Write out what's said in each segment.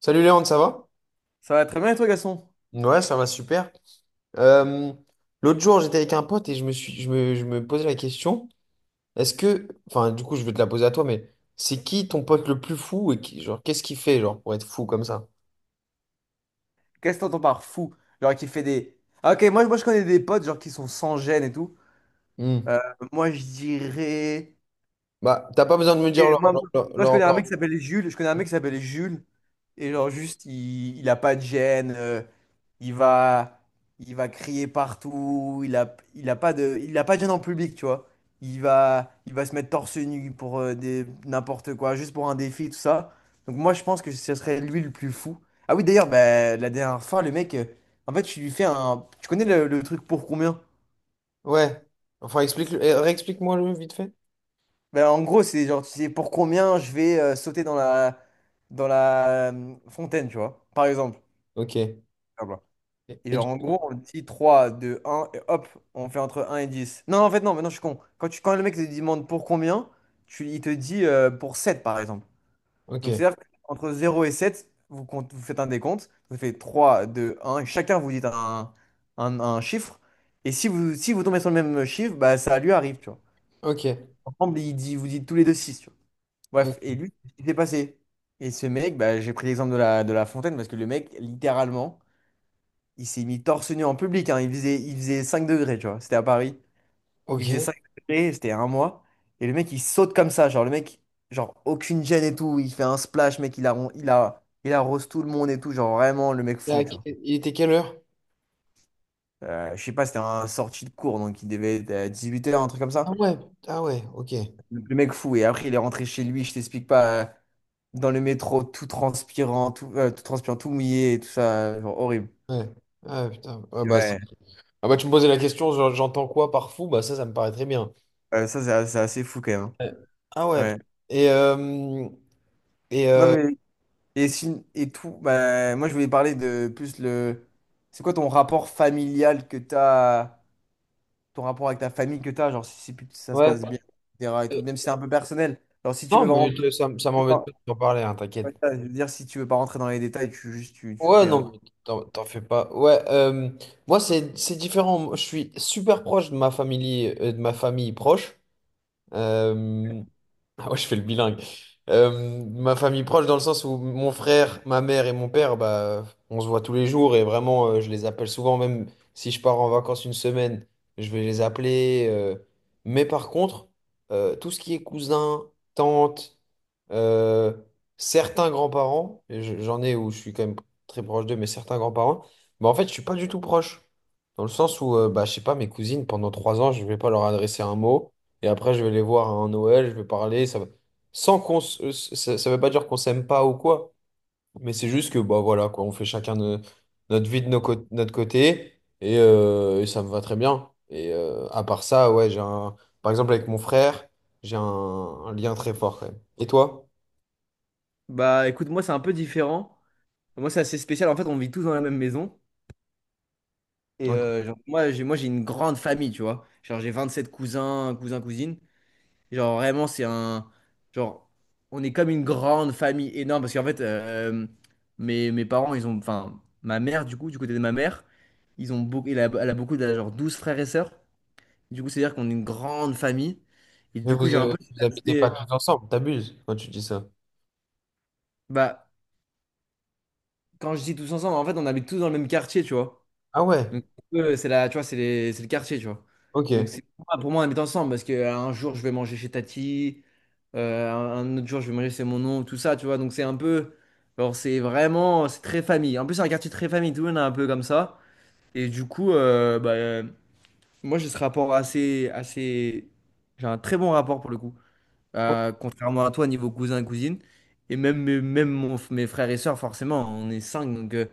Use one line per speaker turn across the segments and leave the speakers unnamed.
Salut Léon, ça va?
Ça va très bien, et toi, Gaston?
Ouais, ça va super. Euh, l'autre jour, j'étais avec un pote et je me suis, je me posais la question, est-ce que, enfin, du coup, je vais te la poser à toi, mais c'est qui ton pote le plus fou et qui, genre, qu'est-ce qu'il fait, genre, pour être fou comme ça?
Qu'est-ce que t'entends par fou? Genre, qui fait des. Ah, ok, moi, je connais des potes, genre, qui sont sans gêne et tout.
Hmm.
Euh, Moi, je dirais.
Bah, t'as pas besoin de me dire
Et
leur,
moi, moi,
leur,
moi, je
leur-
connais un
leur-
mec qui s'appelait Jules. Je connais un mec qui s'appelait Jules. Et genre, juste, il a pas de gêne. Il va, il va crier partout. Il a pas de gêne en public, tu vois. Il va se mettre torse nu pour n'importe quoi, juste pour un défi, tout ça. Donc, moi, je pense que ce serait lui le plus fou. Ah oui, d'ailleurs, bah, la dernière fois, le mec, en fait, tu lui fais un. Tu connais le truc pour combien?
Ouais. Enfin, explique, eh, réexplique-moi le vite fait.
Ben, en gros, c'est genre, tu sais, pour combien je vais sauter dans la, dans la fontaine, tu vois, par exemple.
Ok.
Ah bah. Et
Et du-
genre, en gros, on dit trois deux un et hop, on fait entre un et dix. Non, en fait, non, mais non, je suis con. Quand le mec te demande pour combien, il te dit pour 7 par exemple. Donc,
ok.
c'est-à-dire qu'entre zéro et 7 vous faites un décompte, vous faites trois deux un et chacun vous dit un chiffre. Et si vous tombez sur le même chiffre, bah, ça lui arrive, tu vois.
Ok.
Ensemble, il dit, vous dites tous les deux six. Bref, et
Ok.
lui, il s'est passé. Et ce mec, bah, j'ai pris l'exemple de la fontaine parce que le mec, littéralement, il s'est mis torse nu en public, hein. Il faisait 5 degrés, tu vois. C'était à Paris. Il faisait 5
Ok.
degrés, c'était un mois. Et le mec, il saute comme ça. Genre, le mec, genre, aucune gêne et tout. Il fait un splash, mec, il, arron- il, a, il arrose tout le monde et tout. Genre, vraiment, le mec
Là,
fou, tu vois.
il était quelle heure?
Je sais pas, c'était un sorti de cours, donc il devait être à 8h un truc comme
Ah
ça.
ouais. Ah ouais. Ok.
Le mec fou. Et après, il est rentré chez lui, je t'explique pas. Dans le métro, tout transpirant, tout mouillé, et tout ça, genre horrible.
Ouais. Ah putain. Ouais, bah,
Ouais,
ah bah tu me posais la question, j'entends quoi par fou? Bah ça, ça me paraît très bien.
Ça c'est assez fou quand même,
Ouais. Ah ouais.
hein. Ouais.
Et, euh, et
Non
euh,
mais et si- et tout, bah, moi je voulais parler de plus le, c'est quoi ton rapport familial que t'as, ton rapport avec ta famille que t'as, genre si ça se
ouais.
passe bien, etc. et tout, même si c'est un peu personnel. Genre si tu
Non,
veux vraiment,
mais ça, ça m'embête pas de t'en parler, hein, t'inquiète.
Ouais, ça, je veux dire si tu veux pas rentrer dans les détails, tu juste tu
Ouais,
fais.
non, mais t'en fais pas. Ouais, moi c'est différent. Moi, je suis super proche de ma famille proche. Euh, Ah ouais, je fais le bilingue. Euh, ma famille proche dans le sens où mon frère, ma mère et mon père, bah, on se voit tous les jours et vraiment, je les appelle souvent, même si je pars en vacances une semaine, je vais les appeler. Mais par contre, tout ce qui est cousin, tante, euh, certains grands-parents, et j'en ai où je suis quand même très proche d'eux, mais certains grands-parents, bah, en fait, je suis pas du tout proche. Dans le sens où, bah, je sais pas, mes cousines, pendant 3 ans, je vais pas leur adresser un mot. Et après, je vais les voir à un Noël, je vais parler. Ça va. Sans qu'on s- Ça, ça veut pas dire qu'on s'aime pas ou quoi, mais c'est juste que, bah voilà, quoi, on fait chacun notre vie de notre côté et ça me va très bien. Et à part ça, ouais, j'ai un. Par exemple, avec mon frère, j'ai un lien très fort quand même. Et toi?
Bah écoute, moi c'est un peu différent. Moi c'est assez spécial. En fait, on vit tous dans la même maison. Et
Ok.
genre, moi, j'ai une grande famille, tu vois. Genre, j'ai 27 cousins, cousines. Et genre, vraiment, c'est un. Genre, on est comme une grande famille énorme. Parce qu'en fait, mes parents, ils ont. Enfin, ma mère, du coup, du côté de ma mère, ils ont beaucoup, elle a beaucoup de, genre, 12 frères et sœurs. Du coup, c'est-à-dire qu'on est une grande famille. Et
Mais
du coup, j'ai un peu cet
vous habitez pas
aspect.
tous ensemble, t'abuses quand tu dis ça.
Bah, quand je dis tous ensemble, en fait, on habite tous dans le même quartier, tu vois.
Ah ouais,
Donc, eux, c'est la, tu vois, c'est le quartier, tu vois. Donc,
ok.
c'est pour moi, on est ensemble parce que un jour, je vais manger chez Tati, un autre jour, je vais manger chez mon oncle, tout ça, tu vois. Donc, c'est un peu, alors, c'est vraiment, c'est très famille. En plus, c'est un quartier très famille, tout le monde est un peu comme ça. Et du coup, bah, moi, j'ai ce rapport assez, assez, j'ai un très bon rapport pour le coup,
Ouais,
Contrairement à toi, niveau cousin, cousine. Et même, mes frères et sœurs, forcément, on est cinq, donc.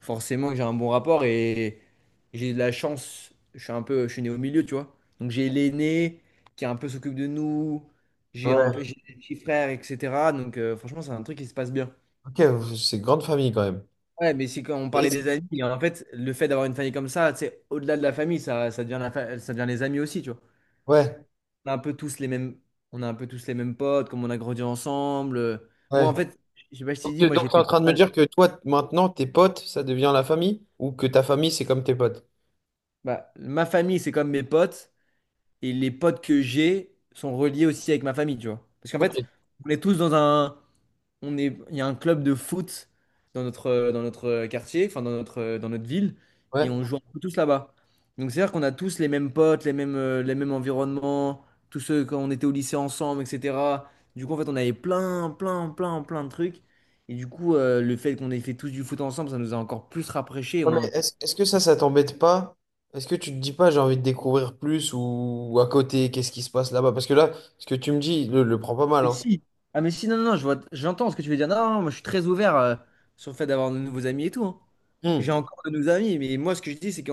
Forcément que j'ai un bon rapport et j'ai de la chance. Je suis né au milieu, tu vois. Donc j'ai l'aîné qui un peu s'occupe de nous, j'ai des petits frères, etc. Donc franchement, c'est un truc qui se passe bien.
ok, c'est grande famille quand même.
Ouais, mais c'est quand on parlait
Et-
des amis, et en fait, le fait d'avoir une famille comme ça, c'est au-delà de la famille, ça devient les amis aussi, tu vois.
Ouais,
On a un peu tous les mêmes, on a un peu tous les mêmes potes, comme on a grandi ensemble.
ouais.
Moi, en fait, je sais pas si tu
Donc,
dis, moi
donc,
j'ai
t'es en
fait
train
pas
de me
mal.
dire que toi, maintenant, tes potes, ça devient la famille? Ou que ta famille, c'est comme tes potes?
Bah, ma famille, c'est comme mes potes. Et les potes que j'ai sont reliés aussi avec ma famille, tu vois. Parce qu'en
Ok.
fait, on est tous dans un, on est, il y a un club de foot dans notre quartier, enfin dans notre ville, et
Ouais.
on joue un peu tous là-bas. Donc c'est-à-dire qu'on a tous les mêmes potes, les mêmes environnements, tous ceux quand on était au lycée ensemble, etc. Du coup, en fait, on avait plein, plein, plein, plein de trucs. Et du coup, le fait qu'on ait fait tous du foot ensemble, ça nous a encore plus rapprochés.
Ouais, mais est-ce que ça t'embête pas? Est-ce que tu te dis pas, j'ai envie de découvrir plus ou à côté, qu'est-ce qui se passe là-bas? Parce que là, ce que tu me dis, le prend pas mal,
Mais
hein.
si. Ah mais si, non, non, non, je vois, j'entends ce que tu veux dire. Non, non, moi je suis très ouvert sur le fait d'avoir de nouveaux amis et tout, hein.
Hmm.
J'ai encore de nouveaux amis, mais moi ce que je dis, c'est que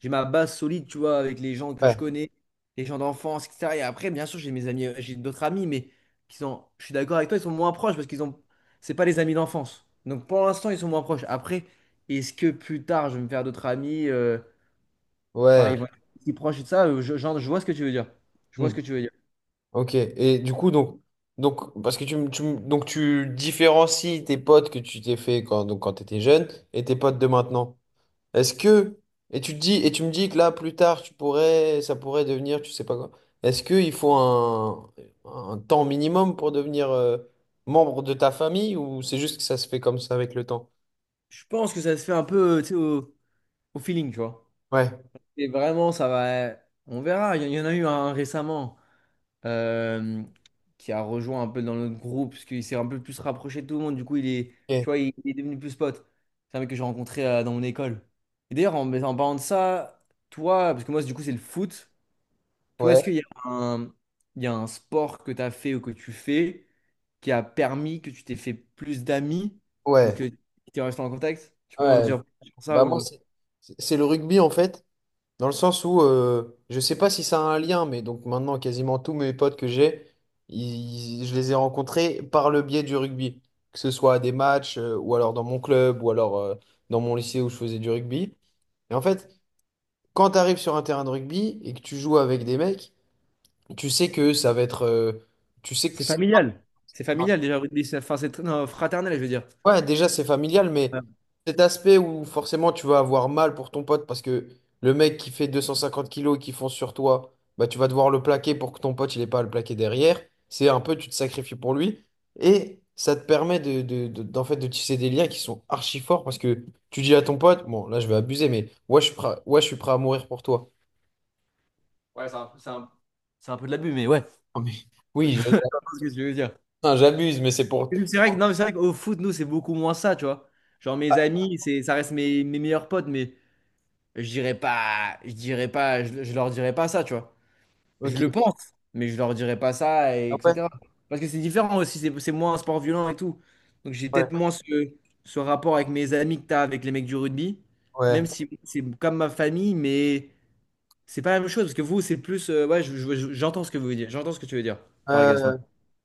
j'ai ma base solide, tu vois, avec les gens que je
Ouais.
connais, les gens d'enfance, etc. Et après, bien sûr, j'ai d'autres amis, mais qui sont, je suis d'accord avec toi, ils sont moins proches parce qu'ils ont, c'est pas les amis d'enfance. Donc pour l'instant, ils sont moins proches. Après, est-ce que plus tard, je vais me faire d'autres amis, enfin, ils vont
Ouais.
être plus proches et tout ça, genre, je vois ce que tu veux dire. Je
Hmm.
vois ce que tu veux dire.
Ok. Et du coup, donc, parce que donc, tu différencies tes potes que tu t'es fait quand, donc, quand t'étais jeune et tes potes de maintenant. Est-ce que, et tu te dis, et tu me dis que là, plus tard, tu pourrais, ça pourrait devenir, tu sais pas quoi. Est-ce qu'il faut un temps minimum pour devenir membre de ta famille ou c'est juste que ça se fait comme ça avec le temps?
Je pense que ça se fait un peu, tu sais, au feeling, tu vois.
Ouais.
Et vraiment, ça va. On verra. Il y en a eu un récemment euh, qui a rejoint un peu dans notre groupe, parce qu'il s'est un peu plus rapproché de tout le monde. Du coup, il est, tu
Ok.
vois, il est devenu plus pote. C'est un mec que j'ai rencontré dans mon école. Et d'ailleurs, en parlant de ça, toi, parce que moi, du coup, c'est le foot. Toi,
Ouais.
est-ce qu'un, il y a un sport que tu as fait ou que tu fais qui a permis que tu t'es fait plus d'amis ou
Ouais.
que tu es resté en contact? Tu peux m'en
Ouais.
dire plus sur ça
Bah moi,
ou.
c'est le rugby en fait. Dans le sens où, je sais pas si ça a un lien, mais donc maintenant, quasiment tous mes potes que j'ai, je les ai rencontrés par le biais du rugby. Que ce soit à des matchs, ou alors dans mon club, ou alors dans mon lycée où je faisais du rugby. Et en fait, quand tu arrives sur un terrain de rugby et que tu joues avec des mecs, tu sais que ça va être. Tu sais que.
C'est familial. C'est familial déjà, le rugby. Enfin, c'est non, fraternel, je veux dire.
Ouais, déjà c'est familial, mais
Ouais,
cet aspect où forcément tu vas avoir mal pour ton pote parce que le mec qui fait 250 kilos et qui fonce sur toi, bah tu vas devoir le plaquer pour que ton pote il ait pas à le plaquer derrière. C'est un peu, tu te sacrifies pour lui et ça te permet d'en fait, de tisser des liens qui sont archi forts parce que tu dis à ton pote, bon là je vais abuser, mais ouais je suis prêt, ouais, je suis prêt à mourir pour toi.
Ouais, c'est un peu de l'abus, mais ouais. C'est
Ah, mais oui,
ce que je veux dire.
enfin, j'abuse, mais c'est pour...
C'est vrai que,
pour-
non, mais c'est vrai qu'au foot, nous, c'est beaucoup moins ça, tu vois. Genre, mes
Ah,
amis, ça reste mes meilleurs potes, mais je leur dirais pas ça, tu vois. Je
ok.
le pense, mais je leur dirais pas ça, et
Ah
etc.
ouais,
Parce que c'est différent aussi, c'est moins un sport violent et tout. Donc, j'ai
ouais,
peut-être moins ce rapport avec mes amis que t'as avec les mecs du rugby, même
ouais.
si c'est comme ma famille, mais. C'est pas la même chose, parce que vous, c'est plus. Ouais, j'entends ce que vous voulez dire. J'entends ce que tu veux dire par le Gaston.
Euh,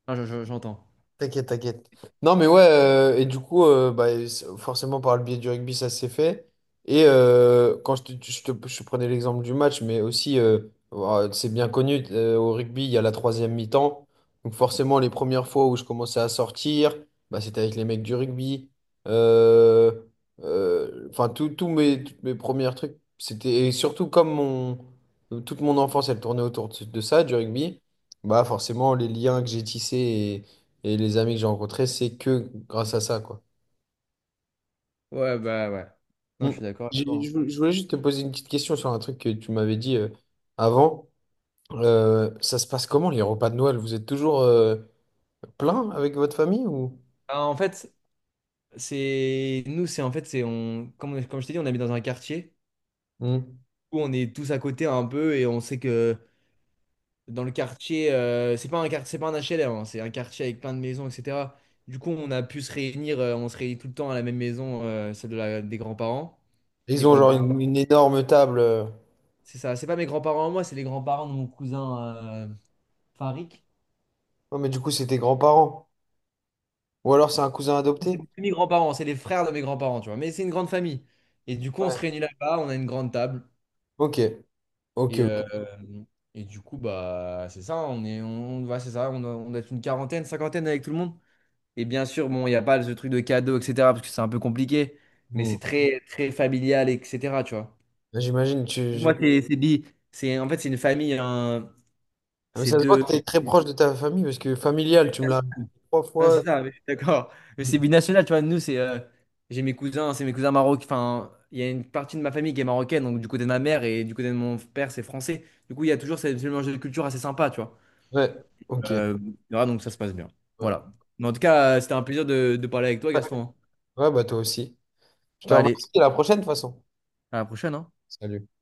Ah, j'entends.
T'inquiète, t'inquiète. Non, mais ouais, et du coup, bah, forcément, par le biais du rugby, ça s'est fait. Et quand je te prenais l'exemple du match, mais aussi, c'est bien connu, au rugby, il y a la troisième mi-temps. Donc, forcément, les premières fois où je commençais à sortir, bah, c'était avec les mecs du rugby. Euh, Enfin, toutes mes premières trucs, c'était. Et surtout, comme mon, toute mon enfance, elle tournait autour de ça, du rugby, bah, forcément, les liens que j'ai tissés. Et les amis que j'ai rencontrés, c'est que grâce à ça, quoi.
Ouais, bah ouais. Non,
Mm.
je suis d'accord avec toi, hein.
Je voulais juste te poser une petite question sur un truc que tu m'avais dit avant. Ça se passe comment les repas de Noël? Vous êtes toujours plein avec votre famille ou?
Ah, en fait, c'est. Nous, c'est en fait, c'est. On... Comme, comme je t'ai dit, on habite dans un quartier
Hmm.
où on est tous à côté un peu et on sait que dans le quartier. C'est pas un HLM, hein, c'est un quartier avec plein de maisons, etc. Du coup, on a pu se réunir. On se réunit tout le temps à la même maison, celle de des grands-parents.
Ils
Des
ont genre
grands-parents.
une énorme table.
C'est ça, c'est pas mes grands-parents à moi, c'est les grands-parents de mon cousin. euh, Farik?
Oh, mais du coup, c'est tes grands-parents. Ou alors c'est un cousin adopté?
C'est plus mes grands-parents, c'est les frères de mes grands-parents, tu vois. Mais c'est une grande famille. Et du coup, on
Ouais.
se réunit là-bas, on a une grande table.
Ok, ok,
Et,
ok.
euh, et du coup, bah, c'est ça, on est, on, ouais, c'est ça, on doit être une quarantaine, cinquantaine avec tout le monde. Et bien sûr, bon, il n'y a pas ce truc de cadeau, etc., parce que c'est un peu compliqué. Mais
Hmm.
c'est très, très familial, etc., tu vois.
J'imagine, tu. j'im-
Moi, c'est, en fait, c'est une famille,
Ah, mais
c'est
ça se voit que
deux.
tu es très proche de ta famille parce que familial, tu me l'as répété trois
Non, c'est
fois.
ça, mais je suis d'accord. Mais
Hmm.
c'est binational, tu vois. Nous, c'est. J'ai mes cousins, c'est mes cousins marocains. Enfin, il y a une partie de ma famille qui est marocaine, donc du côté de ma mère et du côté de mon père, c'est français. Du coup, il y a toujours ce mélange de culture assez sympa, tu vois.
Ouais, ok.
Euh, voilà, donc ça se passe bien.
Ouais,
Voilà. Mais en tout cas, c'était un plaisir de parler avec toi, Gaston, hein.
ouais, bah toi aussi. Je te
Bah, allez,
remercie, à la prochaine de toute façon.
à la prochaine, hein.
Salut.